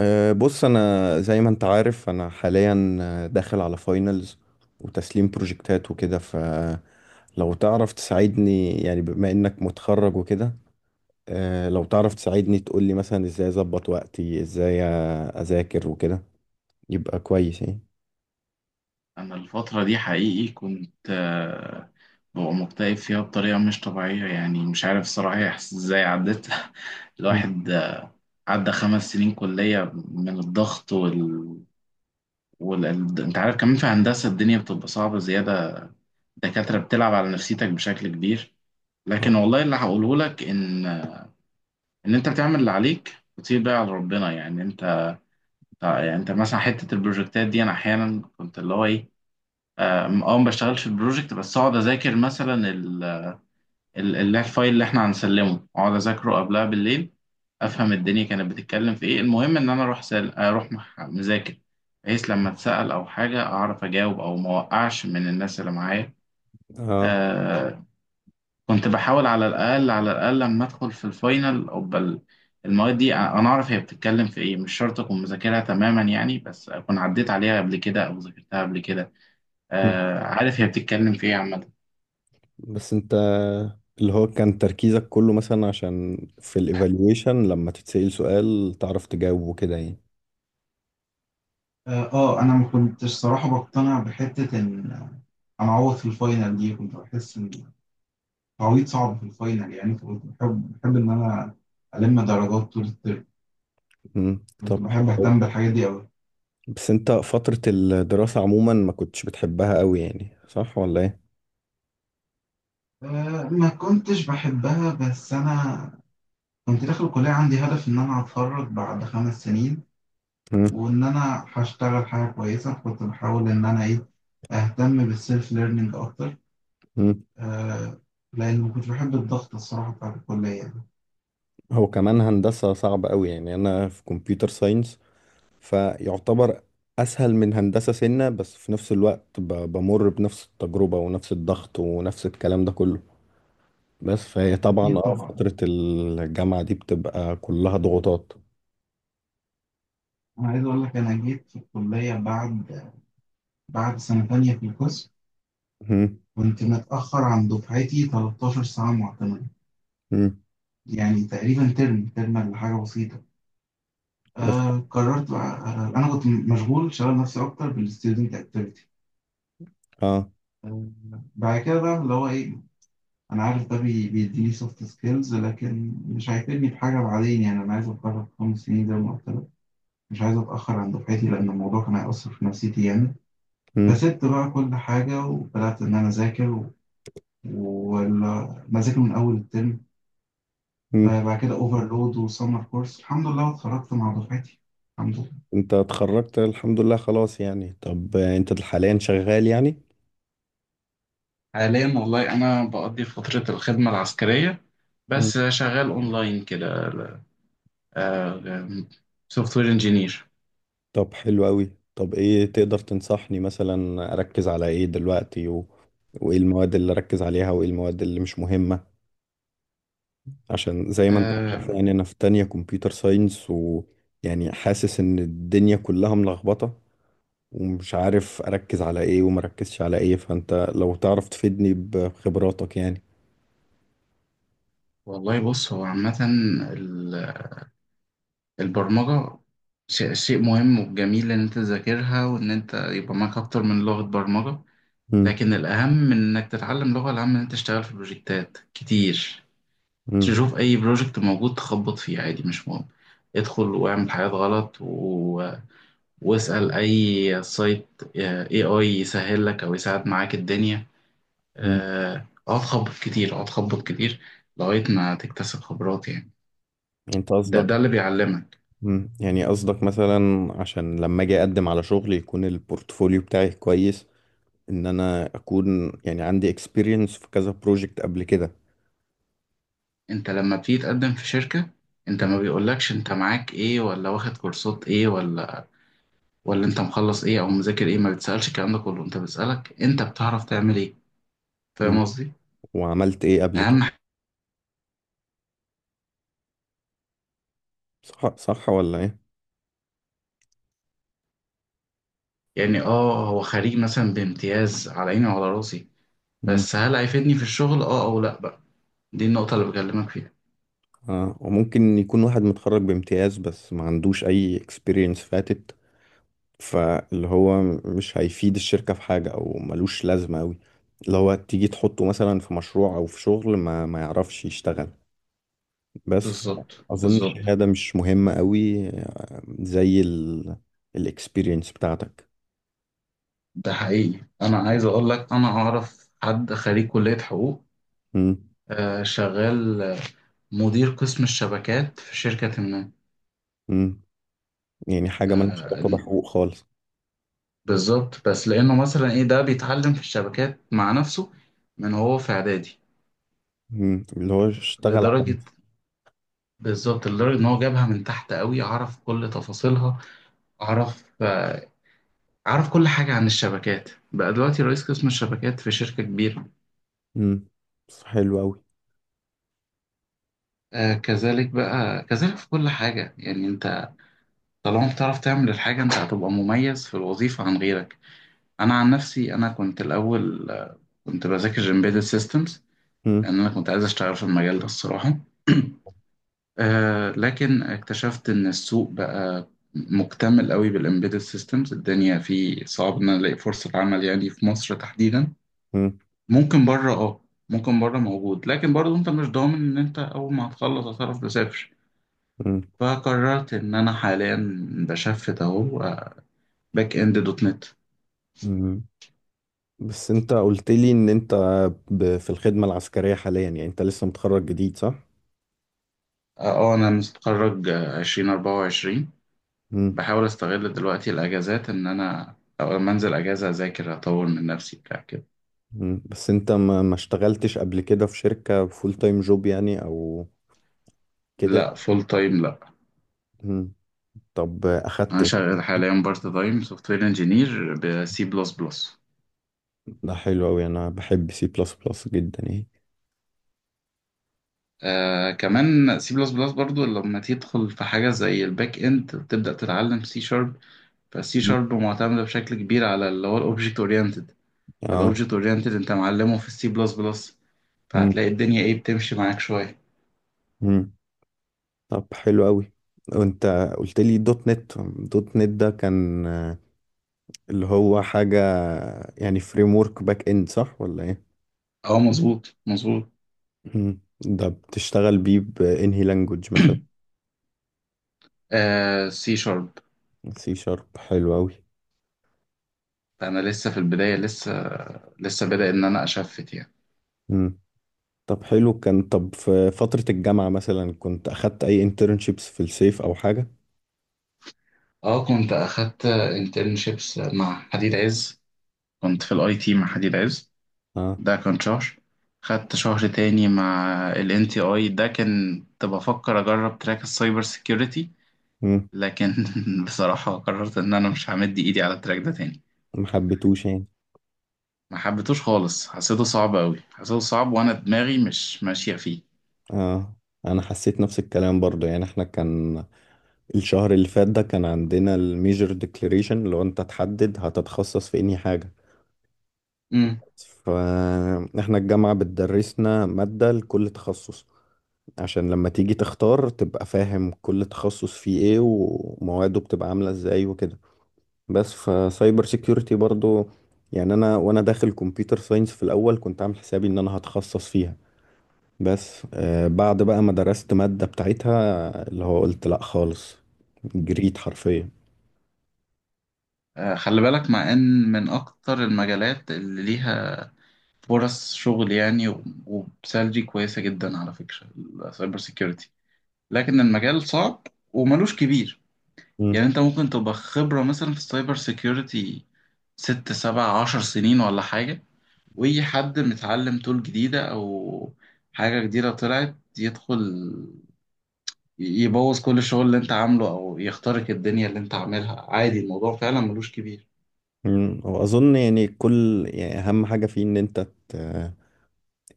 بص، انا زي ما انت عارف انا حاليا داخل على فاينلز وتسليم بروجكتات وكده. فلو تعرف تساعدني، يعني بما انك متخرج وكده، لو تعرف تساعدني تقولي مثلا ازاي اظبط وقتي، ازاي اذاكر وكده، يبقى كويس يعني. أنا الفترة دي حقيقي كنت ببقى مكتئب فيها بطريقة مش طبيعية. يعني مش عارف الصراحة هي إزاي عدت مم. الواحد. عدى 5 سنين كلية من الضغط وال... أنت عارف كمان في هندسة الدنيا بتبقى صعبة زيادة، الدكاترة بتلعب على نفسيتك بشكل كبير. لكن آه. والله اللي هقوله لك إن أنت بتعمل اللي عليك وتسيب بقى على ربنا. يعني أنت مثلا حتة البروجكتات دي أنا أحيانا كنت اللي هو إيه، ما بشتغلش في البروجكت بس اقعد اذاكر مثلا الفايل اللي احنا هنسلمه، اقعد اذاكره قبلها بالليل، افهم الدنيا كانت بتتكلم في ايه. المهم ان انا اروح مذاكر، بحيث لما اتسأل او حاجه اعرف اجاوب او ما اوقعش من الناس اللي معايا. اه. آه كنت بحاول على الاقل لما ادخل في الفاينل او بل المواد دي، انا اعرف هي بتتكلم في ايه، مش شرط اكون مذاكرها تماما يعني، بس اكون عديت عليها قبل كده او ذاكرتها قبل كده. مم. عارف هي بتتكلم في ايه عامه. بس انت، اللي هو كان تركيزك كله مثلا عشان في الايفالويشن لما تتسأل سؤال تعرف تجاوبه كده يعني. انا ما كنتش صراحة بقتنع بحتة ان انا اعوض في الفاينل دي، كنت بحس ان التعويض صعب في الفاينل يعني. فكنت بحب ان انا الم درجات طول الترم، مم. كنت طب. بحب اهتم بالحاجات دي قوي. بس انت فترة الدراسة عموما ما كنتش بتحبها قوي، يعني صح ولا ايه؟ ما كنتش بحبها بس انا كنت داخل الكلية عندي هدف ان انا اتخرج بعد 5 سنين، مم. وان انا هشتغل حاجة كويسة. كنت بحاول ان انا ايه اهتم بالسيلف ليرنينج اكتر. مم. أه لان ما كنتش بحب الضغط الصراحة بتاع الكلية يعني. هو كمان هندسة صعبة قوي، يعني انا في كمبيوتر ساينس فيعتبر اسهل من هندسة سنة، بس في نفس الوقت بمر بنفس التجربة ونفس الضغط ونفس الكلام ده كله، بس فهي طبعا اكيد طبعا. فترة الجامعة دي بتبقى كلها ضغوطات. أنا عايز أقول لك أنا جيت في الكلية بعد سنة تانية في القسم. مم. كنت متأخر عن دفعتي 13 ساعة معتمدة، مم. يعني تقريبا ترم ترم ولا حاجة بسيطة. بس. قررت بقى، أنا كنت مشغول شغال نفسي أكتر بالستودنت أكتيفيتي. اه. آه بعد كده بقى اللي هو إيه، أنا عارف ده بيديني سوفت سكيلز لكن مش هيفيدني بحاجة بعدين يعني، أنا عايز أتخرج في 5 سنين زي ما قلت لك، مش عايز أتأخر عن دفعتي لأن الموضوع كان هيأثر في نفسيتي يعني. مم. فسبت بقى كل حاجة وبدأت إن أنا أذاكر ومذاكر من أول الترم. مم. بعد كده أوفرلود وسمر كورس الحمد لله اتخرجت مع دفعتي. الحمد لله. انت اتخرجت الحمد لله خلاص يعني. طب انت حاليا شغال يعني؟ حاليا والله أنا بقضي فترة الخدمة العسكرية، بس شغال أونلاين كده سوفت وير انجينير. طب حلو قوي. طب ايه تقدر تنصحني مثلا اركز على ايه دلوقتي وايه المواد اللي اركز عليها وايه المواد اللي مش مهمة، عشان زي ما انت عارف، يعني انا في تانية كمبيوتر ساينس، ويعني حاسس ان الدنيا كلها ملخبطة، ومش عارف اركز على ايه ومركزش على ايه، فانت لو تعرف تفيدني بخبراتك يعني. والله بص هو عامة ال- البرمجة شيء مهم وجميل إن أنت تذاكرها وإن أنت يبقى معاك أكتر من لغة برمجة. مم. لكن الأهم من إنك تتعلم لغة، الأهم إن أنت تشتغل في بروجكتات كتير، مم. تشوف اي بروجكت موجود تخبط فيه عادي مش مهم، ادخل واعمل حاجات غلط واسأل اي سايت، اي يسهل لك او يساعد معاك الدنيا. مم. اقعد خبط كتير اقعد خبط كتير لغاية ما تكتسب خبرات يعني. انت ده قصدك؟ ده اللي بيعلمك. مم. يعني قصدك مثلا عشان لما اجي اقدم على شغل يكون البورتفوليو بتاعي كويس، ان انا اكون يعني عندي اكسبيرينس في كذا بروجكت قبل كده. انت لما بتيجي تقدم في شركة، انت ما بيقولكش انت معاك ايه ولا واخد كورسات ايه ولا انت مخلص ايه او مذاكر ايه، ما بتسألش الكلام ده كله، انت بتسألك انت بتعرف تعمل ايه. مم. فاهم قصدي. وعملت ايه قبل كده؟ اهم. صح صح ولا ايه؟ يعني هو خريج مثلا بامتياز على عيني وعلى راسي، مم. بس هل هيفيدني في الشغل اه او لا بقى؟ دي النقطة اللي بكلمك فيها. آه. وممكن يكون واحد متخرج بامتياز بس ما عندوش اي اكسبيرينس فاتت، فاللي هو مش هيفيد الشركة في حاجة او ملوش لازمة اوي، اللي هو تيجي تحطه مثلا في مشروع او في شغل ما يعرفش يشتغل، بس بالظبط اظن بالظبط. الشهادة مش مهمة اوي، زي الاكسبيرينس بتاعتك. ده حقيقي انا عايز اقول لك انا اعرف حد خريج كلية حقوق. مم. شغال، مدير قسم الشبكات في شركة ما. مم. يعني حاجة ملهاش آه علاقة بحقوق خالص. بالظبط بس لانه مثلا ايه ده بيتعلم في الشبكات مع نفسه من هو في اعدادي مم. اللي هو اشتغل على لدرجة. نفسه. بالظبط لدرجة ان هو جابها من تحت قوي، عرف كل تفاصيلها. عرف آه، أعرف كل حاجة عن الشبكات، بقى دلوقتي رئيس قسم الشبكات في شركة كبيرة. مم. بس حلو أوي. كذلك بقى كذلك في كل حاجة يعني. أنت طالما بتعرف تعمل الحاجة أنت هتبقى مميز في الوظيفة عن غيرك. أنا عن نفسي أنا كنت الأول، كنت بذاكر Embedded Systems مم. لأن أنا كنت عايز أشتغل في المجال ده الصراحة. لكن اكتشفت إن السوق بقى مكتمل قوي بالإمبيدد سيستمز، الدنيا فيه صعب إن أنا ألاقي فرصة عمل يعني في مصر تحديدا. مم. ممكن بره اه ممكن بره موجود لكن برضو انت مش ضامن ان انت اول ما هتخلص هتعرف تسافر. مم. فقررت ان انا حاليا بشفت اهو باك اند دوت نت. مم. بس انت قلت لي ان انت في الخدمة العسكرية حاليا، يعني انت لسه متخرج جديد صح؟ اه انا متخرج 2024. مم. بحاول استغل دلوقتي الاجازات ان انا أو لما انزل اجازة اذاكر اطور من نفسي بتاع كده. مم. بس انت ما اشتغلتش قبل كده في شركة فول تايم جوب يعني او كده لا يعني؟ فول تايم لا. مم. طب اخدت انا ايه؟ شغال حاليا بارت تايم سوفت وير انجينير بسي بلس بلس. ده حلو أوي، انا بحب سي بلس بلس جدا يعني. كمان سي بلس بلس برضو لما تدخل في حاجة زي الباك اند وتبدأ تتعلم سي شارب، فالسي مم. شارب معتمدة بشكل كبير على اللي هو الاوبجكت اورينتد. اه. فالاوبجكت اورينتد انت معلمه في السي بلس بلس، مم. فهتلاقي الدنيا ايه بتمشي معاك شوية. مم. طب حلو قوي. وانت قلت لي دوت نت. دوت نت ده كان اللي هو حاجة يعني فريم ورك باك اند، صح ولا ايه؟ اه مظبوط مظبوط. مم. ده بتشتغل بيه بانهي لانجوج مثلا؟ سي شارب. سي شارب حلو قوي. انا لسه في البداية، لسه بدأ ان انا اشفت يعني. مم. طب حلو كان. طب في فترة الجامعة مثلا كنت اخدت اي انترنشيبس في الصيف او حاجة؟ اه كنت اخدت انترنشيبس مع حديد عز، كنت في الاي تي مع حديد عز. اه. ده كان شهر. خدت شهر تاني مع ال NTI، ده كان كنت بفكر أجرب تراك السايبر سيكيورتي. مم. لكن بصراحة قررت إن أنا مش همد إيدي على التراك ده تاني. ما حبيتوش يعني. ما حبيتوش خالص، حسيته صعب أوي، حسيته صعب وأنا دماغي مش ماشية فيه. اه. انا حسيت نفس الكلام برضه، يعني احنا كان الشهر اللي فات ده كان عندنا الميجر ديكليريشن، لو انت تحدد هتتخصص في انهي حاجة، امم فاحنا الجامعة بتدرسنا مادة لكل تخصص عشان لما تيجي تختار تبقى فاهم كل تخصص فيه ايه ومواده بتبقى عاملة ازاي وكده، بس فسايبر سيكيورتي برضو، يعني انا وانا داخل كمبيوتر ساينس في الاول كنت عامل حسابي ان انا هتخصص فيها، بس بعد بقى ما درست مادة بتاعتها اللي هو قلت لا خالص، جريت حرفيا. خلي بالك مع إن من أكتر المجالات اللي ليها فرص شغل يعني و- وبسالري كويسة جدا على فكرة السايبر سيكيورتي. لكن المجال صعب وملوش كبير، يعني انت ممكن تبقى خبرة مثلا في السايبر سيكيورتي ست سبع عشر سنين ولا حاجة، ويجي حد متعلم تول جديدة أو حاجة جديدة طلعت يدخل يبوظ كل الشغل اللي انت عامله أو يخترق الدنيا اللي انت عاملها عادي، الموضوع فعلا ملوش كبير. مم. واظن يعني كل يعني اهم حاجه فيه ان انت ت...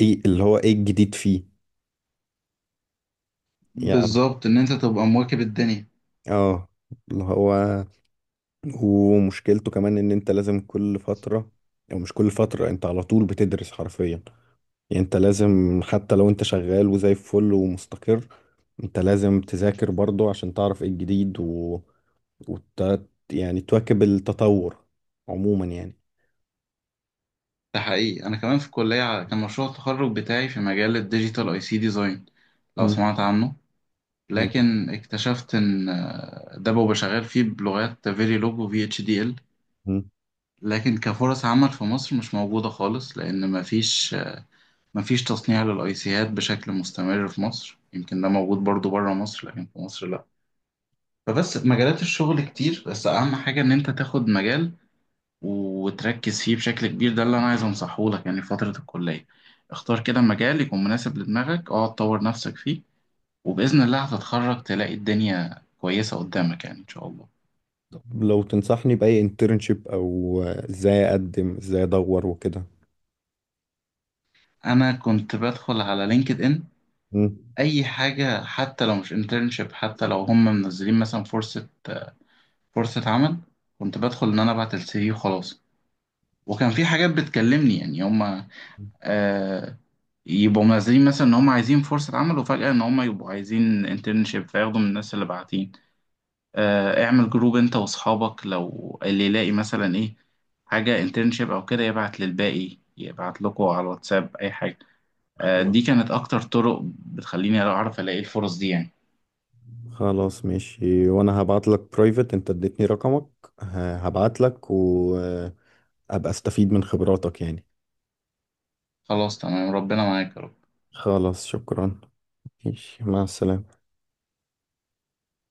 ايه اللي هو ايه الجديد فيه. يعني بالظبط إن انت تبقى مواكب الدنيا. اه اللي هو، ومشكلته كمان ان انت لازم كل فتره، او مش كل فتره، انت على طول بتدرس حرفيا، يعني انت لازم حتى لو انت شغال وزي الفل ومستقر، انت لازم تذاكر برضه عشان تعرف ايه الجديد وت... يعني تواكب التطور عموما يعني. ده حقيقي أنا كمان في الكلية كان مشروع التخرج بتاعي في مجال الديجيتال أي سي ديزاين، لو مم. سمعت عنه. لكن اكتشفت ان، ده ببقى شغال فيه بلغات فيريلوج و اتش دي ال. مم. لكن كفرص عمل في مصر مش موجودة خالص لأن مفيش تصنيع للأيسيهات بشكل مستمر في مصر، يمكن ده موجود برضو بره مصر لكن في مصر لأ. فبس مجالات الشغل كتير بس أهم حاجة إن أنت تاخد مجال وتركز فيه بشكل كبير، ده اللي أنا عايز أنصحه لك يعني. في فترة الكلية اختار كده مجال يكون مناسب لدماغك، اقعد طور نفسك فيه وبإذن الله هتتخرج تلاقي الدنيا كويسة قدامك يعني إن شاء الله. لو تنصحني بأي انترنشيب أو إزاي أقدم إزاي أدور وكده. انا كنت بدخل على لينكد ان مم. اي حاجه، حتى لو مش انترنشيب، حتى لو هم منزلين مثلا فرصه عمل، كنت بدخل ان انا ابعت السي في وخلاص. وكان في حاجات بتكلمني يعني هم، آه يبقوا منزلين مثلا ان هم عايزين فرصه عمل وفجاه ان هم يبقوا عايزين انترنشيب فياخدوا من الناس اللي باعتين. اعمل جروب انت واصحابك لو اللي يلاقي مثلا ايه حاجه انترنشيب او كده يبعت للباقي يبعت لكم على الواتساب اي حاجه. دي كانت أكتر طرق بتخليني أعرف ألاقي الفرص دي يعني. خلاص ماشي، وأنا هبعت لك برايفت، أنت اديتني رقمك، هبعت لك وأبقى أستفيد من خبراتك يعني. خلاص تمام ربنا معاك يا رب. خلاص شكرا. ماشي مع السلامة.